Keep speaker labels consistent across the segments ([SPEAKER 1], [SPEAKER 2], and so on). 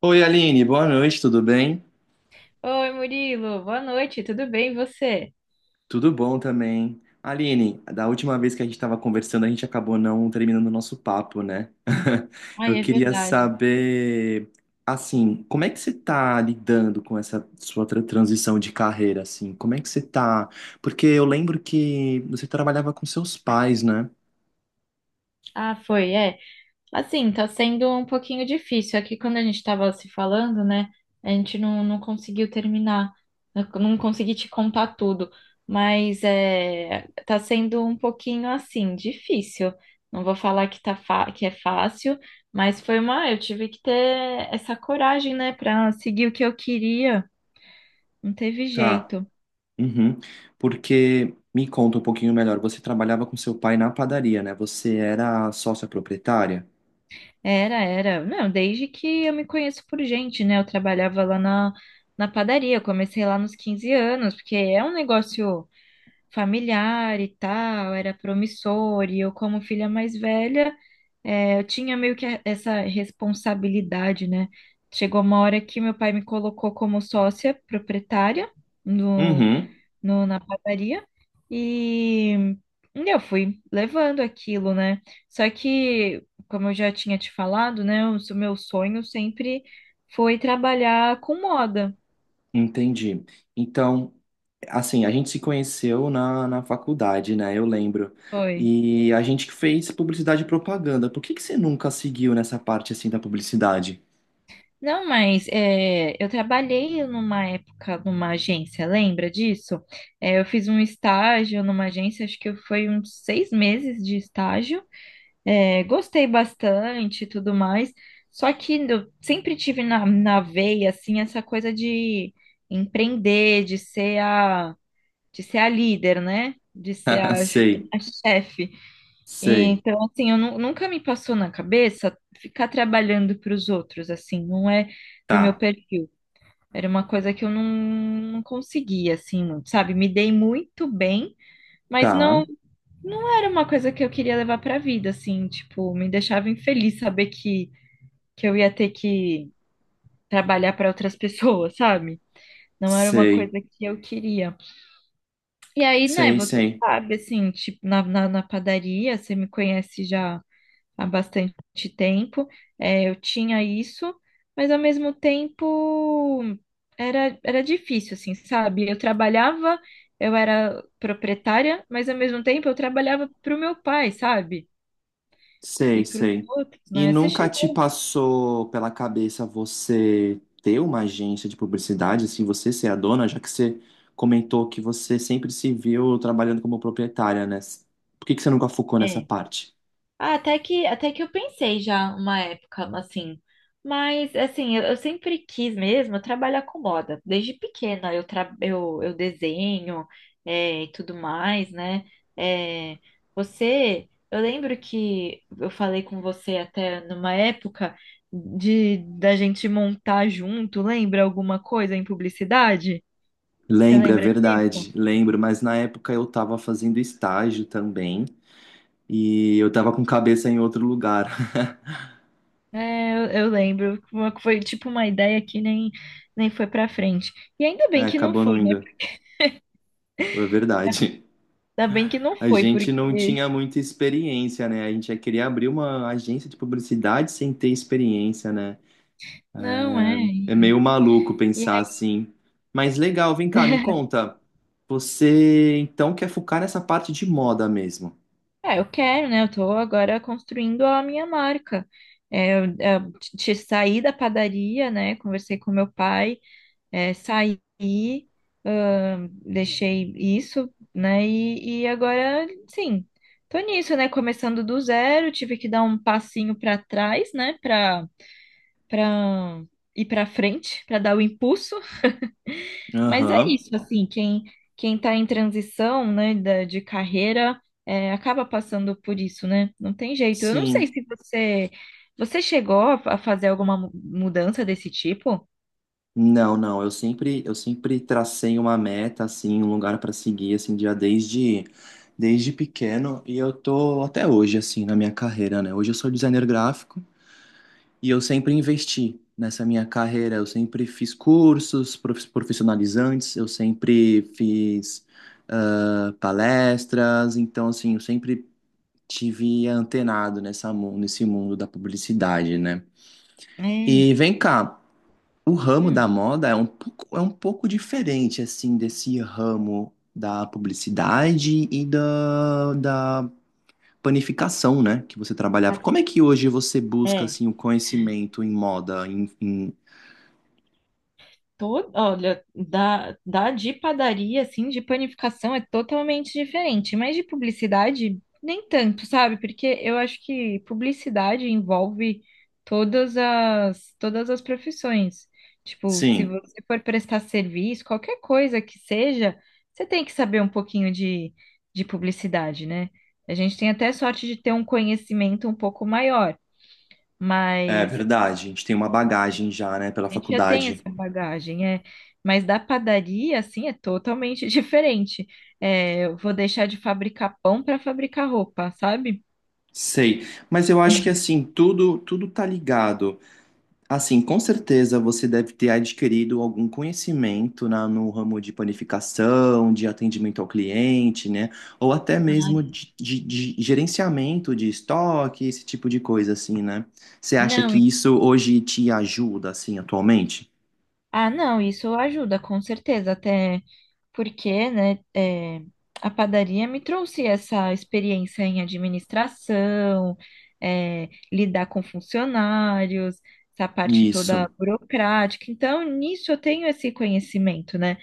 [SPEAKER 1] Oi, Aline, boa noite, tudo bem?
[SPEAKER 2] Oi, Murilo, boa noite, tudo bem e você?
[SPEAKER 1] Tudo bom também. Aline, da última vez que a gente estava conversando, a gente acabou não terminando o nosso papo, né?
[SPEAKER 2] Ai,
[SPEAKER 1] Eu
[SPEAKER 2] é
[SPEAKER 1] queria
[SPEAKER 2] verdade.
[SPEAKER 1] saber, assim, como é que você está lidando com essa sua transição de carreira, assim? Como é que você tá? Porque eu lembro que você trabalhava com seus pais, né?
[SPEAKER 2] Ah, foi, é. Assim, tá sendo um pouquinho difícil. Aqui, quando a gente tava se falando, né, a gente não conseguiu terminar, eu não consegui te contar tudo, mas é, tá sendo um pouquinho assim, difícil. Não vou falar que é fácil, mas foi uma. Eu tive que ter essa coragem, né, pra seguir o que eu queria, não teve
[SPEAKER 1] Tá.
[SPEAKER 2] jeito.
[SPEAKER 1] Uhum. Porque me conta um pouquinho melhor, você trabalhava com seu pai na padaria, né? Você era sócia proprietária?
[SPEAKER 2] Era. Não, desde que eu me conheço por gente, né? Eu trabalhava lá na padaria, eu comecei lá nos 15 anos, porque é um negócio familiar e tal, era promissor, e eu, como filha mais velha, é, eu tinha meio que essa responsabilidade, né? Chegou uma hora que meu pai me colocou como sócia proprietária
[SPEAKER 1] Uhum.
[SPEAKER 2] na padaria e eu fui levando aquilo, né? Só que, como eu já tinha te falado, né? O meu sonho sempre foi trabalhar com moda.
[SPEAKER 1] Entendi. Então, assim, a gente se conheceu na faculdade, né? Eu lembro.
[SPEAKER 2] Foi.
[SPEAKER 1] E a gente que fez publicidade e propaganda. Por que que você nunca seguiu nessa parte assim da publicidade?
[SPEAKER 2] Não, mas é, eu trabalhei numa época numa agência, lembra disso? É, eu fiz um estágio numa agência, acho que foi uns 6 meses de estágio. É, gostei bastante e tudo mais. Só que eu sempre tive na veia, assim, essa coisa de empreender, de ser a líder, né? De ser a,
[SPEAKER 1] Sei,
[SPEAKER 2] a chefe.
[SPEAKER 1] sei.
[SPEAKER 2] Então, assim, eu nunca me passou na cabeça ficar trabalhando para os outros, assim, não é do meu
[SPEAKER 1] Tá,
[SPEAKER 2] perfil. Era uma coisa que eu não conseguia, assim, muito, sabe? Me dei muito bem, mas
[SPEAKER 1] tá.
[SPEAKER 2] não. Não era uma coisa que eu queria levar pra vida, assim, tipo, me deixava infeliz saber que eu ia ter que trabalhar para outras pessoas, sabe? Não era uma
[SPEAKER 1] Sei,
[SPEAKER 2] coisa que eu queria. E aí, né,
[SPEAKER 1] sei,
[SPEAKER 2] você
[SPEAKER 1] sei.
[SPEAKER 2] sabe, assim, tipo, na padaria, você me conhece já há bastante tempo, é, eu tinha isso, mas ao mesmo tempo era difícil, assim, sabe? Eu trabalhava, eu era proprietária, mas ao mesmo tempo eu trabalhava pro meu pai, sabe? E
[SPEAKER 1] Sei,
[SPEAKER 2] para os
[SPEAKER 1] sei.
[SPEAKER 2] outros,
[SPEAKER 1] E
[SPEAKER 2] né? Você
[SPEAKER 1] nunca te
[SPEAKER 2] chegou.
[SPEAKER 1] passou pela cabeça você ter uma agência de publicidade, assim, você ser a dona, já que você comentou que você sempre se viu trabalhando como proprietária, né? Por que que você nunca focou nessa
[SPEAKER 2] É.
[SPEAKER 1] parte?
[SPEAKER 2] Ah, até que eu pensei já uma época, assim. Mas, assim, eu sempre quis mesmo trabalhar com moda. Desde pequena eu desenho é, e tudo mais, né? É, eu lembro que eu falei com você até numa época de da gente montar junto, lembra alguma coisa em publicidade? Você
[SPEAKER 1] Lembro, é
[SPEAKER 2] lembra disso?
[SPEAKER 1] verdade, lembro, mas na época eu tava fazendo estágio também e eu tava com cabeça em outro lugar.
[SPEAKER 2] É, eu lembro. Foi tipo uma ideia que nem foi pra frente. E ainda
[SPEAKER 1] É,
[SPEAKER 2] bem que não
[SPEAKER 1] acabou
[SPEAKER 2] foi,
[SPEAKER 1] não
[SPEAKER 2] né?
[SPEAKER 1] indo. É verdade.
[SPEAKER 2] Ainda bem que não
[SPEAKER 1] A
[SPEAKER 2] foi,
[SPEAKER 1] gente não
[SPEAKER 2] porque.
[SPEAKER 1] tinha muita experiência, né? A gente já queria abrir uma agência de publicidade sem ter experiência, né?
[SPEAKER 2] Não, é.
[SPEAKER 1] É meio
[SPEAKER 2] E,
[SPEAKER 1] maluco
[SPEAKER 2] e
[SPEAKER 1] pensar assim. Mas legal, vem cá, me conta. Você então quer focar nessa parte de moda mesmo?
[SPEAKER 2] aí, é, eu quero, né? Eu tô agora construindo a minha marca. É, eu saí da padaria, né? Conversei com meu pai, é, saí, deixei isso, né? E agora, sim, tô nisso, né? Começando do zero, tive que dar um passinho pra trás, né? Pra para ir para frente, para dar o impulso. Mas é
[SPEAKER 1] Aham.
[SPEAKER 2] isso, assim, quem está em transição, né, de carreira, é, acaba passando por isso, né? Não tem jeito. Eu não sei
[SPEAKER 1] Sim.
[SPEAKER 2] se você chegou a fazer alguma mudança desse tipo.
[SPEAKER 1] Não, não, eu sempre tracei uma meta assim, um lugar para seguir assim já desde desde pequeno e eu tô até hoje assim na minha carreira, né? Hoje eu sou designer gráfico. E eu sempre investi nessa minha carreira. Eu sempre fiz cursos profissionalizantes, eu sempre fiz palestras. Então, assim, eu sempre tive antenado nessa, nesse mundo da publicidade, né?
[SPEAKER 2] É.
[SPEAKER 1] E vem cá, o ramo
[SPEAKER 2] Hum.
[SPEAKER 1] da moda é um pouco diferente, assim, desse ramo da publicidade e da panificação, né, que você trabalhava. Como é que hoje você busca,
[SPEAKER 2] É.
[SPEAKER 1] assim, o conhecimento em moda, em...
[SPEAKER 2] Todo, olha, da de padaria, assim, de panificação é totalmente diferente, mas de publicidade nem tanto, sabe? Porque eu acho que publicidade envolve todas as profissões. Tipo, se
[SPEAKER 1] Sim,
[SPEAKER 2] você for prestar serviço, qualquer coisa que seja, você tem que saber um pouquinho de publicidade, né? A gente tem até sorte de ter um conhecimento um pouco maior,
[SPEAKER 1] é
[SPEAKER 2] mas
[SPEAKER 1] verdade. A gente tem uma bagagem já, né, pela
[SPEAKER 2] a gente já tem
[SPEAKER 1] faculdade.
[SPEAKER 2] essa bagagem, é. Mas da padaria, assim, é totalmente diferente. É, eu vou deixar de fabricar pão para fabricar roupa, sabe?
[SPEAKER 1] Sei, mas eu acho que assim, tudo tá ligado. Assim, com certeza você deve ter adquirido algum conhecimento na, no ramo de panificação, de atendimento ao cliente, né? Ou até mesmo de gerenciamento de estoque, esse tipo de coisa, assim, né? Você acha
[SPEAKER 2] Não,
[SPEAKER 1] que isso hoje te ajuda, assim, atualmente?
[SPEAKER 2] ah, não, isso ajuda, com certeza, até porque, né, é, a padaria me trouxe essa experiência em administração, é, lidar com funcionários, essa parte
[SPEAKER 1] Isso,
[SPEAKER 2] toda burocrática. Então, nisso eu tenho esse conhecimento, né?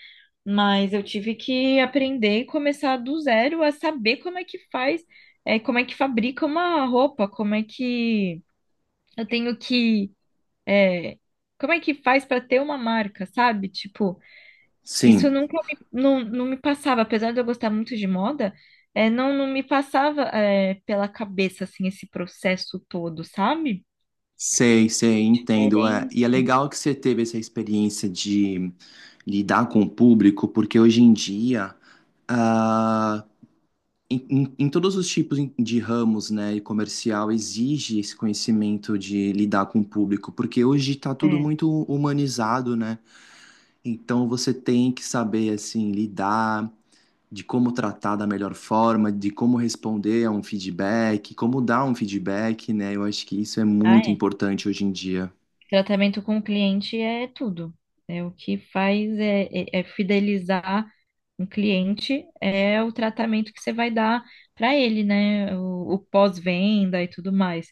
[SPEAKER 2] Mas eu tive que aprender e começar do zero a saber como é que faz, é, como é que fabrica uma roupa, como é que eu tenho que, é, como é que faz para ter uma marca, sabe? Tipo, isso
[SPEAKER 1] sim.
[SPEAKER 2] nunca me, não me passava, apesar de eu gostar muito de moda, é, não me passava, é, pela cabeça, assim, esse processo todo, sabe?
[SPEAKER 1] Sei, sei, entendo. É. E é
[SPEAKER 2] Diferente.
[SPEAKER 1] legal que você teve essa experiência de lidar com o público, porque hoje em dia, ah, em, em todos os tipos de ramos, né, e comercial, exige esse conhecimento de lidar com o público, porque hoje está tudo
[SPEAKER 2] É.
[SPEAKER 1] muito humanizado, né? Então você tem que saber, assim, lidar, de como tratar da melhor forma, de como responder a um feedback, como dar um feedback, né? Eu acho que isso é
[SPEAKER 2] Ah,
[SPEAKER 1] muito
[SPEAKER 2] é.
[SPEAKER 1] importante hoje em dia.
[SPEAKER 2] Tratamento com o cliente é tudo. É o que faz é, é fidelizar um cliente, é o tratamento que você vai dar para ele, né? O pós-venda e tudo mais.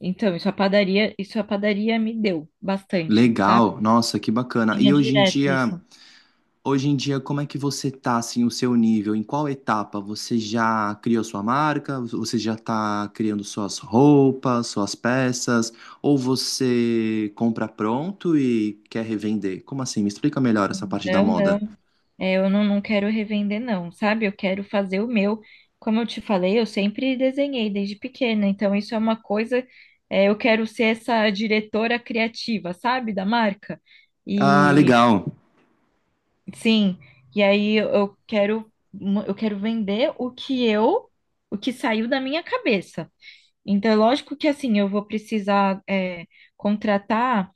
[SPEAKER 2] Então, isso a padaria me deu bastante, sabe?
[SPEAKER 1] Legal, nossa, que bacana. E
[SPEAKER 2] Tinha direto isso.
[SPEAKER 1] hoje em dia, como é que você tá assim, o seu nível? Em qual etapa? Você já criou sua marca? Você já tá criando suas roupas, suas peças? Ou você compra pronto e quer revender? Como assim? Me explica melhor essa parte da
[SPEAKER 2] Não,
[SPEAKER 1] moda.
[SPEAKER 2] não. É, eu não quero revender, não, sabe? Eu quero fazer o meu. Como eu te falei, eu sempre desenhei desde pequena, então isso é uma coisa. É, eu quero ser essa diretora criativa, sabe? Da marca.
[SPEAKER 1] Ah,
[SPEAKER 2] E
[SPEAKER 1] legal.
[SPEAKER 2] sim, e aí eu quero vender o que saiu da minha cabeça. Então, é lógico que assim, eu vou precisar, é, contratar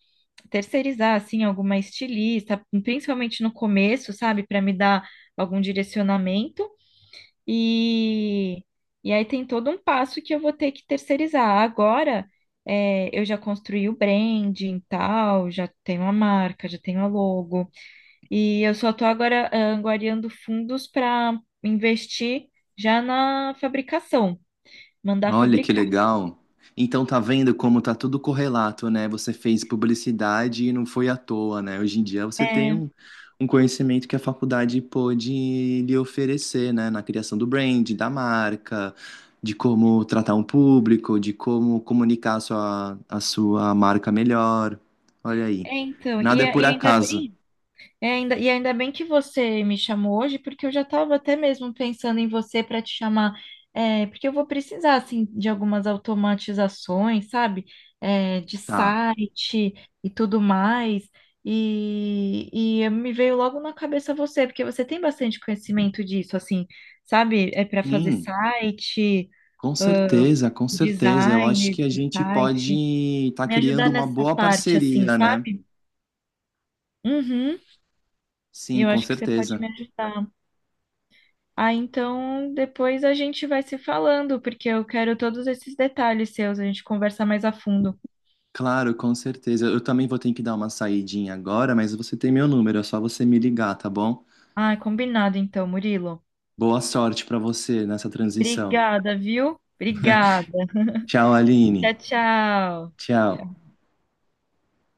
[SPEAKER 2] terceirizar assim alguma estilista, principalmente no começo, sabe, para me dar algum direcionamento e e aí tem todo um passo que eu vou ter que terceirizar. Agora é, eu já construí o branding e tal, já tenho a marca, já tenho a logo e eu só estou agora ah, angariando fundos para investir já na fabricação, mandar
[SPEAKER 1] Olha que
[SPEAKER 2] fabricar.
[SPEAKER 1] legal. Então tá vendo como tá tudo correlato, né? Você fez publicidade e não foi à toa, né? Hoje em dia você tem
[SPEAKER 2] É,
[SPEAKER 1] um, um conhecimento que a faculdade pôde lhe oferecer, né? Na criação do brand, da marca, de como tratar um público, de como comunicar a sua marca melhor. Olha aí.
[SPEAKER 2] então,
[SPEAKER 1] Nada é por acaso.
[SPEAKER 2] e ainda bem que você me chamou hoje, porque eu já estava até mesmo pensando em você para te chamar, é, porque eu vou precisar assim de algumas automatizações, sabe? É, de
[SPEAKER 1] Tá.
[SPEAKER 2] site e tudo mais. E, e me veio logo na cabeça você, porque você tem bastante conhecimento disso, assim, sabe? É para fazer
[SPEAKER 1] Sim.
[SPEAKER 2] site,
[SPEAKER 1] Com certeza, com certeza. Eu acho que
[SPEAKER 2] design
[SPEAKER 1] a
[SPEAKER 2] do
[SPEAKER 1] gente pode
[SPEAKER 2] site,
[SPEAKER 1] estar
[SPEAKER 2] me
[SPEAKER 1] criando
[SPEAKER 2] ajudar
[SPEAKER 1] uma
[SPEAKER 2] nessa
[SPEAKER 1] boa
[SPEAKER 2] parte, assim,
[SPEAKER 1] parceria, né?
[SPEAKER 2] sabe? Uhum,
[SPEAKER 1] Sim,
[SPEAKER 2] eu
[SPEAKER 1] com
[SPEAKER 2] acho que você pode me
[SPEAKER 1] certeza.
[SPEAKER 2] ajudar. Ah, então depois a gente vai se falando, porque eu quero todos esses detalhes seus, a gente conversa mais a fundo.
[SPEAKER 1] Claro, com certeza. Eu também vou ter que dar uma saidinha agora, mas você tem meu número, é só você me ligar, tá bom?
[SPEAKER 2] Ah, combinado então, Murilo.
[SPEAKER 1] Boa sorte pra você nessa transição.
[SPEAKER 2] Obrigada, viu? Obrigada.
[SPEAKER 1] Tchau, Aline.
[SPEAKER 2] Tchau, tchau.
[SPEAKER 1] Tchau.
[SPEAKER 2] Tchau.